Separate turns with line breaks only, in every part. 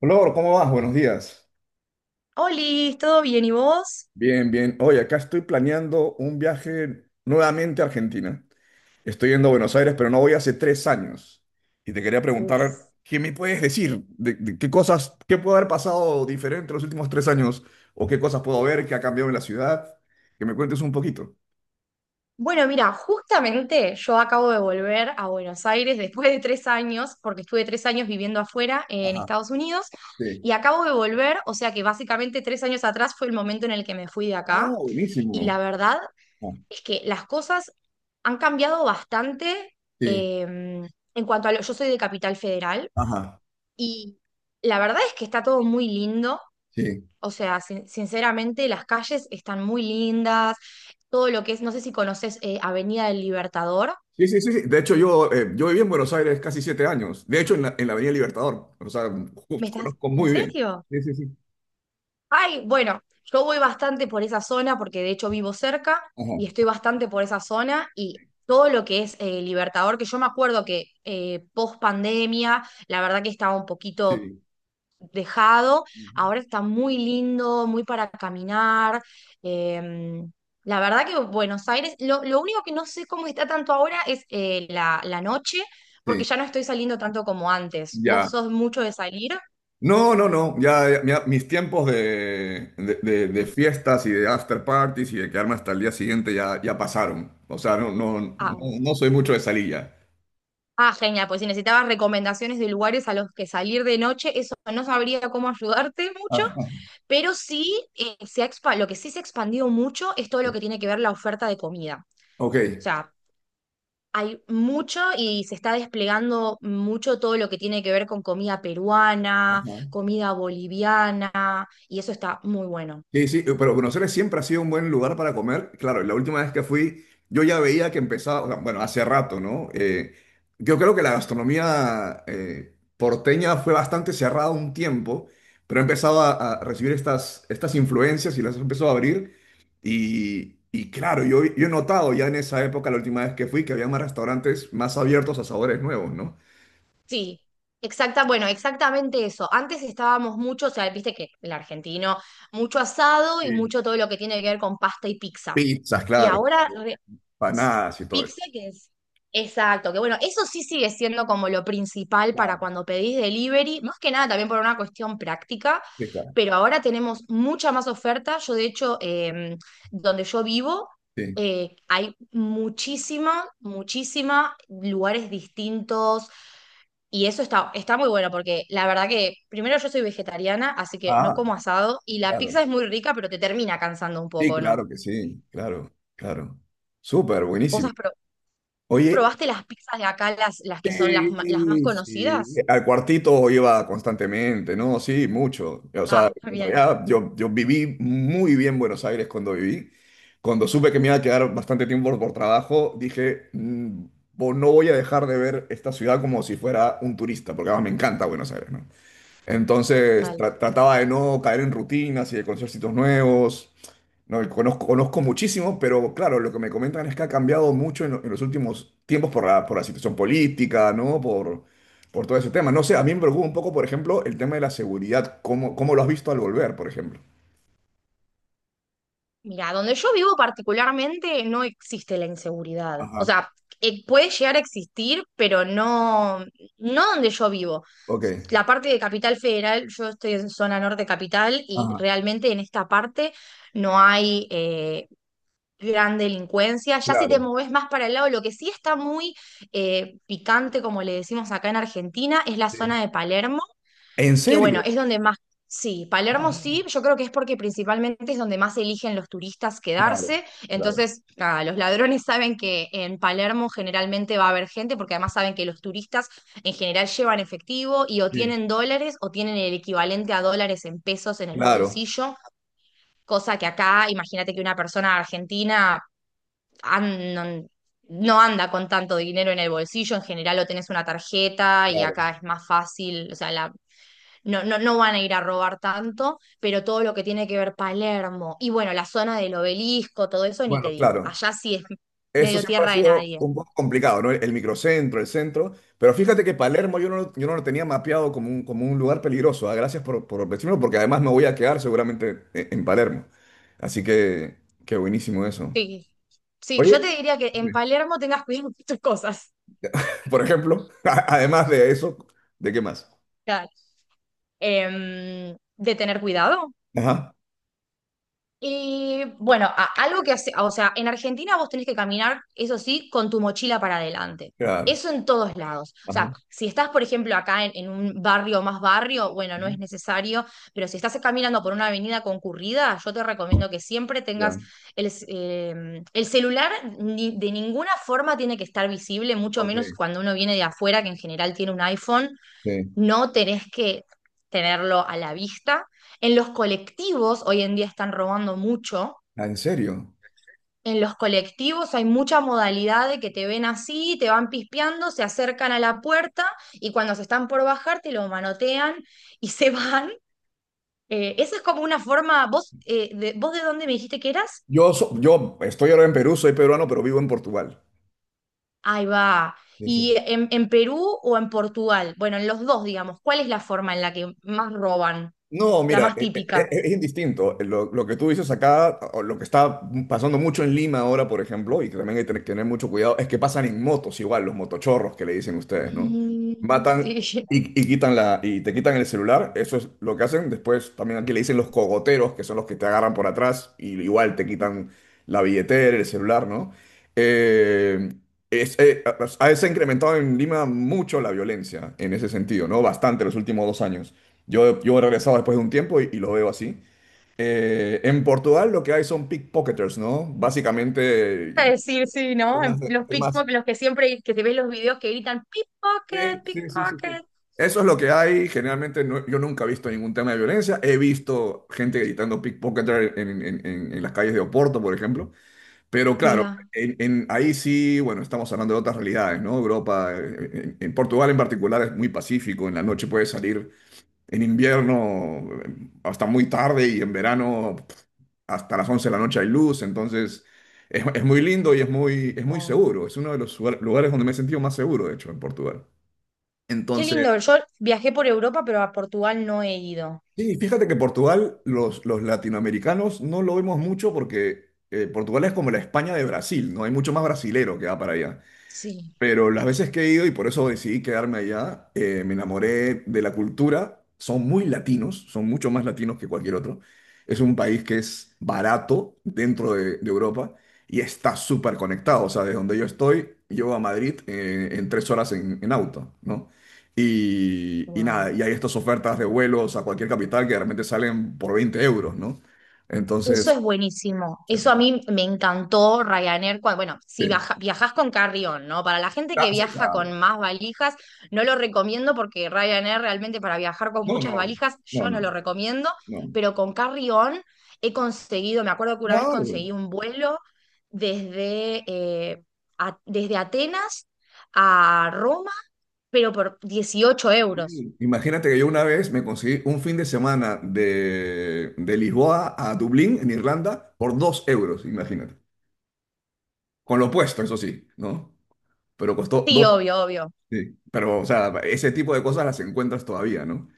Flor, ¿cómo vas? Buenos días.
Oli, ¿todo bien? ¿Y vos?
Bien, bien. Oye, acá estoy planeando un viaje nuevamente a Argentina. Estoy yendo a Buenos Aires, pero no voy hace 3 años. Y te quería preguntar,
Uf.
¿qué me puedes decir? ¿De qué cosas, qué puede haber pasado diferente los últimos 3 años? ¿O qué cosas puedo ver que ha cambiado en la ciudad? Que me cuentes un poquito.
Bueno, mira, justamente yo acabo de volver a Buenos Aires después de 3 años, porque estuve 3 años viviendo afuera en
Ajá,
Estados Unidos,
sí.
y acabo de volver, o sea que básicamente 3 años atrás fue el momento en el que me fui de
Ah,
acá, y
buenísimo.
la verdad
Ah,
es que las cosas han cambiado bastante,
sí,
eh, en cuanto a lo, yo soy de Capital Federal,
ajá,
y la verdad es que está todo muy lindo.
sí.
O sea, sinceramente, las calles están muy lindas. Todo lo que es, no sé si conoces Avenida del Libertador.
Sí, sí, sí, sí. De hecho, yo, yo viví en Buenos Aires casi 7 años. De hecho, en la Avenida Libertador. O sea,
¿Me estás?
conozco
¿En
muy bien.
serio?
Sí, sí, sí.
Ay, bueno, yo voy bastante por esa zona porque de hecho vivo cerca y
Ajá.
estoy bastante por esa zona y todo lo que es Libertador, que yo me acuerdo que post pandemia, la verdad que estaba un poquito
Sí.
dejado,
Ujú.
ahora está muy lindo, muy para caminar. eh, la verdad que Buenos Aires, lo único que no sé cómo está tanto ahora es la noche, porque
Sí.
ya no estoy saliendo tanto como antes. ¿Vos
Ya.
sos mucho de salir?
No, no, no. Ya, ya, mira, mis tiempos de fiestas y de after parties y de quedarme hasta el día siguiente ya, ya pasaron. O sea, no, no, no,
Ah,
no soy mucho de salir ya.
ah, genial, pues si necesitabas recomendaciones de lugares a los que salir de noche, eso no sabría cómo ayudarte mucho,
Ajá.
pero sí, lo que sí se ha expandido mucho es todo lo
Sí.
que tiene que ver la oferta de comida.
Ok.
O sea, hay mucho y se está desplegando mucho todo lo que tiene que ver con comida peruana,
Ajá.
comida boliviana, y eso está muy bueno.
Sí, sí, pero Buenos Aires siempre ha sido un buen lugar para comer. Claro, la última vez que fui, yo ya veía que empezaba, o sea, bueno, hace rato, ¿no? Yo creo que la gastronomía porteña fue bastante cerrada un tiempo, pero empezaba a recibir estas influencias y las empezó a abrir. Y claro, yo he notado ya en esa época, la última vez que fui, que había más restaurantes más abiertos a sabores nuevos, ¿no?
Sí, exacta, bueno, exactamente eso. Antes estábamos mucho, o sea, viste que el argentino, mucho asado y
Sí.
mucho todo lo que tiene que ver con pasta y pizza.
Pizzas,
Y
claro,
ahora re- Sí.
panadas y todo eso.
Pizza que es. Exacto, que bueno, eso sí sigue siendo como lo principal para
Claro,
cuando pedís delivery, más que nada también por una cuestión práctica,
sí, claro,
pero ahora tenemos mucha más oferta. Yo, de hecho, donde yo vivo,
sí.
hay muchísima, muchísima lugares distintos y eso está, está muy bueno porque la verdad que primero yo soy vegetariana, así que no
Ah,
como asado y la
claro.
pizza es muy rica, pero te termina cansando un
Sí,
poco, ¿no?
claro que sí, claro, claro. Súper,
¿Vos
buenísimo.
has, pro-
Oye,
¿Probaste las pizzas de acá, las que son las más
sí, sí,
conocidas?
al cuartito iba constantemente, ¿no? Sí, mucho. O sea,
Ah,
en
bien,
realidad yo, yo viví muy bien Buenos Aires cuando viví. Cuando supe que me iba a quedar bastante tiempo por trabajo, dije, No voy a dejar de ver esta ciudad como si fuera un turista, porque además me encanta Buenos Aires, ¿no? Entonces
total.
trataba de no caer en rutinas y de conocer sitios nuevos. No, y conozco, conozco muchísimo, pero claro, lo que me comentan es que ha cambiado mucho en los últimos tiempos por por la situación política, ¿no? Por todo ese tema. No sé, a mí me preocupa un poco, por ejemplo, el tema de la seguridad. ¿Cómo lo has visto al volver, por ejemplo?
Mira, donde yo vivo particularmente no existe la inseguridad. O
Ajá,
sea, puede llegar a existir, pero no, no donde yo vivo.
ok.
La parte de Capital Federal, yo estoy en zona norte capital y
Ajá,
realmente en esta parte no hay gran delincuencia. Ya si te
claro.
moves más para el lado, lo que sí está muy picante, como le decimos acá en Argentina, es la
Sí.
zona de Palermo,
¿En
que
serio?
bueno, es donde más, sí,
Ah,
Palermo
no.
sí, yo creo que es porque principalmente es donde más eligen los turistas
Claro,
quedarse,
claro.
entonces nada, los ladrones saben que en Palermo generalmente va a haber gente, porque además saben que los turistas en general llevan efectivo y o
Sí,
tienen dólares o tienen el equivalente a dólares en pesos en el
claro,
bolsillo, cosa que acá, imagínate que una persona argentina... an- no no anda con tanto dinero en el bolsillo, en general o tenés una tarjeta y
claro.
acá es más fácil, o sea, la, no, no, no van a ir a robar tanto, pero todo lo que tiene que ver Palermo y bueno, la zona del obelisco, todo eso, ni te
Bueno,
digo.
claro.
Allá sí es
Eso
medio
siempre ha
tierra de
sido
nadie.
un poco complicado, ¿no? El microcentro, el centro. Pero fíjate que Palermo yo no, yo no lo tenía mapeado como un lugar peligroso. Ah, gracias por decirlo, porque además me voy a quedar seguramente en Palermo. Así que, qué buenísimo eso.
Sí, sí,
Oye,
yo te diría que en Palermo tengas cuidado con tus cosas.
por ejemplo, además de eso, ¿de qué más?
Claro. De tener cuidado,
Ajá,
y bueno, algo que hace, o sea, en Argentina vos tenés que caminar, eso sí, con tu mochila para adelante.
claro.
Eso en todos lados. O
Ajá.
sea, si estás, por ejemplo, acá en un barrio más barrio, bueno, no
Ujú,
es necesario, pero si estás caminando por una avenida concurrida, yo te recomiendo que siempre
ya,
tengas el celular, de ninguna forma tiene que estar visible, mucho menos
ok.
cuando uno viene de afuera, que en general tiene un iPhone,
Sí.
no tenés que tenerlo a la vista. En los colectivos, hoy en día están robando mucho.
Ah, ¿en serio?
En los colectivos hay mucha modalidad de que te ven así, te van pispeando, se acercan a la puerta y cuando se están por bajar te lo manotean y se van. Esa es como una forma, vos, de, ¿vos de dónde me dijiste que eras?
Yo, yo estoy ahora en Perú, soy peruano, pero vivo en Portugal.
Ahí va.
Sí,
¿Y
sí.
en Perú o en Portugal? Bueno, en los dos, digamos, ¿cuál es la forma en la que más roban?
No,
La
mira,
más típica.
es indistinto. Lo que tú dices acá, o lo que está pasando mucho en Lima ahora, por ejemplo, y que también hay que tener mucho cuidado, es que pasan en motos igual, los motochorros que le dicen ustedes, ¿no?
Mm,
Matan
sí.
y quitan la, y te quitan el celular, eso es lo que hacen. Después también aquí le dicen los cogoteros, que son los que te agarran por atrás y igual te quitan la billetera, el celular, ¿no? Eh, Se ha incrementado en Lima mucho la violencia en ese sentido, ¿no? Bastante los últimos 2 años. Yo he regresado después de un tiempo y lo veo así. En Portugal lo que hay son pickpocketers, ¿no? Básicamente...
A decir, sí, ¿no? En
Temas de-
los
temas-
pickpockets, los que siempre, que te ves los videos que gritan
Sí,
pickpocket,
sí, sí, sí,
pickpocket.
sí. Eso es lo que hay. Generalmente yo nunca he visto ningún tema de violencia. He visto gente gritando pickpocketer en las calles de Oporto, por ejemplo. Pero claro,
Mira,
ahí sí, bueno, estamos hablando de otras realidades, ¿no? Europa, en Portugal en particular es muy pacífico. En la noche puedes salir en invierno hasta muy tarde y en verano pf, hasta las 11 de la noche hay luz, entonces es muy lindo y es muy
wow.
seguro. Es uno de los lugares donde me he sentido más seguro, de hecho, en Portugal.
Qué
Entonces,
lindo. Yo viajé por Europa, pero a Portugal no he ido.
sí, fíjate que Portugal, los latinoamericanos no lo vemos mucho porque Portugal es como la España de Brasil, ¿no? Hay mucho más brasilero que va para allá.
Sí,
Pero las veces que he ido, y por eso decidí quedarme allá, me enamoré de la cultura. Son muy latinos, son mucho más latinos que cualquier otro. Es un país que es barato dentro de Europa y está súper conectado. O sea, de donde yo estoy, yo a Madrid en 3 horas en auto, ¿no? Y nada,
guau.
y hay estas ofertas de vuelos a cualquier capital que de repente salen por 20 euros, ¿no?
Eso
Entonces,
es buenísimo. Eso a mí me encantó Ryanair. Bueno, si
sí.
viajas con carrión, ¿no? Para la gente
Ah,
que
sí,
viaja
claro.
con más valijas, no lo recomiendo porque Ryanair realmente para viajar con
No,
muchas
no,
valijas,
no,
yo no
no,
lo recomiendo.
no.
Pero con carrión he conseguido, me acuerdo que una vez
Claro,
conseguí un vuelo desde, desde Atenas a Roma, pero por 18 euros.
sí. Imagínate que yo una vez me conseguí un fin de semana de Lisboa a Dublín, en Irlanda, por 2 euros, imagínate. Con lo puesto, eso sí, ¿no? Pero costó
Sí,
dos.
obvio, obvio.
Sí. Pero, o sea, ese tipo de cosas las encuentras todavía, ¿no?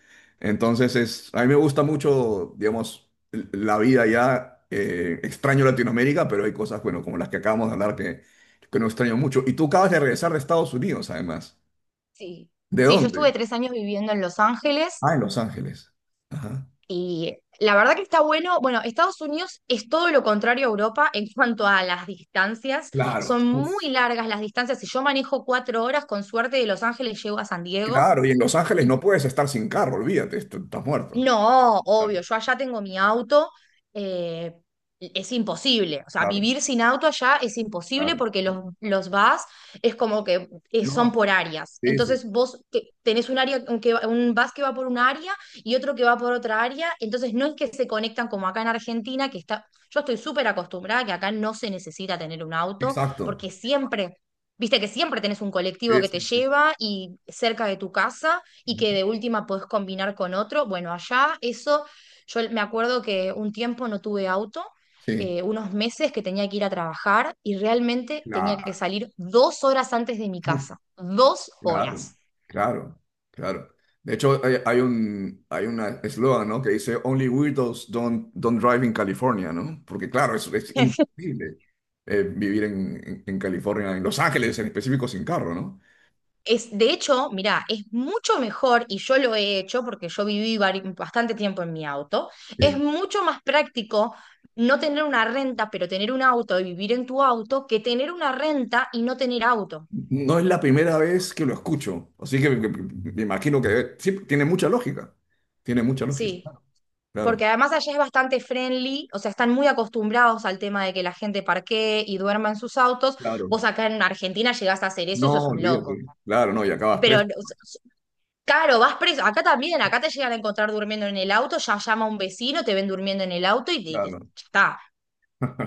Entonces, es, a mí me gusta mucho, digamos, la vida ya. Extraño Latinoamérica, pero hay cosas, bueno, como las que acabamos de hablar que no extraño mucho. Y tú acabas de regresar de Estados Unidos, además.
Sí.
¿De
Sí, yo
dónde?
estuve 3 años viviendo en Los Ángeles.
Ah, en Los Ángeles. Ajá.
Y la verdad que está bueno. Bueno, Estados Unidos es todo lo contrario a Europa en cuanto a las distancias.
Claro.
Son muy
Uf.
largas las distancias. Si yo manejo 4 horas, con suerte de Los Ángeles llego a San Diego.
Claro, y en Los Ángeles no puedes estar sin carro, olvídate, estás muerto.
No,
Claro,
obvio, yo allá tengo mi auto, eh, es imposible, o sea,
claro,
vivir sin auto allá es imposible
claro.
porque los,
Claro.
los VAS es como que
No,
son por áreas,
sí, sí,
entonces vos tenés un área, un, que, un bus que va por un área y otro que va por otra área, entonces no es que se conectan como acá en Argentina, que está, yo estoy súper acostumbrada que acá no se necesita tener un auto
exacto.
porque siempre, viste que siempre tenés un colectivo
Sí,
que te
sí, sí.
lleva y cerca de tu casa y
Ujú.
que de última podés combinar con otro. Bueno, allá eso, yo me acuerdo que un tiempo no tuve auto,
Sí,
unos meses que tenía que ir a trabajar y realmente tenía que
claro,
salir 2 horas antes de mi
uf,
casa, dos
claro,
horas.
claro, claro. De hecho, hay un hay una eslogan, ¿no? Que dice Only weirdos don't drive in California, ¿no? Porque claro, es imposible vivir en, en California, en Los Ángeles en específico, sin carro, ¿no?
Es, de hecho, mira, es mucho mejor, y yo lo he hecho porque yo viví bastante tiempo en mi auto, es
Sí.
mucho más práctico no tener una renta, pero tener un auto y vivir en tu auto, que tener una renta y no tener auto.
No es la primera vez que lo escucho, así que me, me imagino que sí, tiene mucha lógica. Tiene mucha lógica.
Sí, porque
Claro,
además allá es bastante friendly, o sea, están muy acostumbrados al tema de que la gente parquee y duerma en sus autos.
claro.
Vos acá en Argentina llegás a hacer eso
No,
y sos un loco.
olvídate. Claro, no, y acabas
Pero,
preso.
o sea, claro, vas preso. Acá también, acá te llegan a encontrar durmiendo en el auto, ya llama un vecino, te ven durmiendo en el auto y
Claro.
ya está.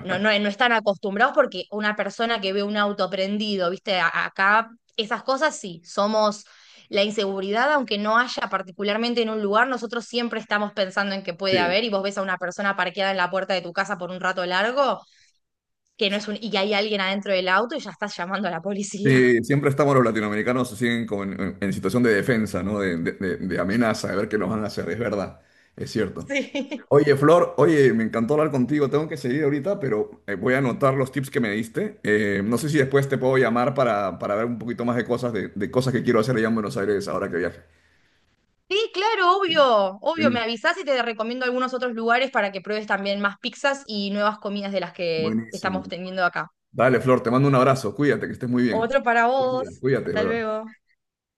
No, no, no están acostumbrados porque una persona que ve un auto prendido, viste, acá esas cosas sí, somos la inseguridad, aunque no haya particularmente en un lugar, nosotros siempre estamos pensando en que puede
Sí.
haber y vos ves a una persona parqueada en la puerta de tu casa por un rato largo, que no es un, y que hay alguien adentro del auto y ya estás llamando a la policía.
Sí, siempre estamos los latinoamericanos así en, como en situación de defensa, ¿no? De amenaza, de ver qué nos van a hacer, es verdad, es cierto.
Sí.
Oye, Flor, oye, me encantó hablar contigo. Tengo que seguir ahorita, pero voy a anotar los tips que me diste. No sé si después te puedo llamar para ver un poquito más de cosas, de cosas que quiero hacer allá en Buenos Aires ahora que viaje.
Sí, claro, obvio, obvio, me
Buenísimo.
avisás y te recomiendo algunos otros lugares para que pruebes también más pizzas y nuevas comidas de las que
Buenísimo.
estamos teniendo acá.
Dale, Flor, te mando un abrazo. Cuídate, que estés muy bien.
Otro para
Buen día.
vos,
Cuídate,
hasta
bye bye.
luego.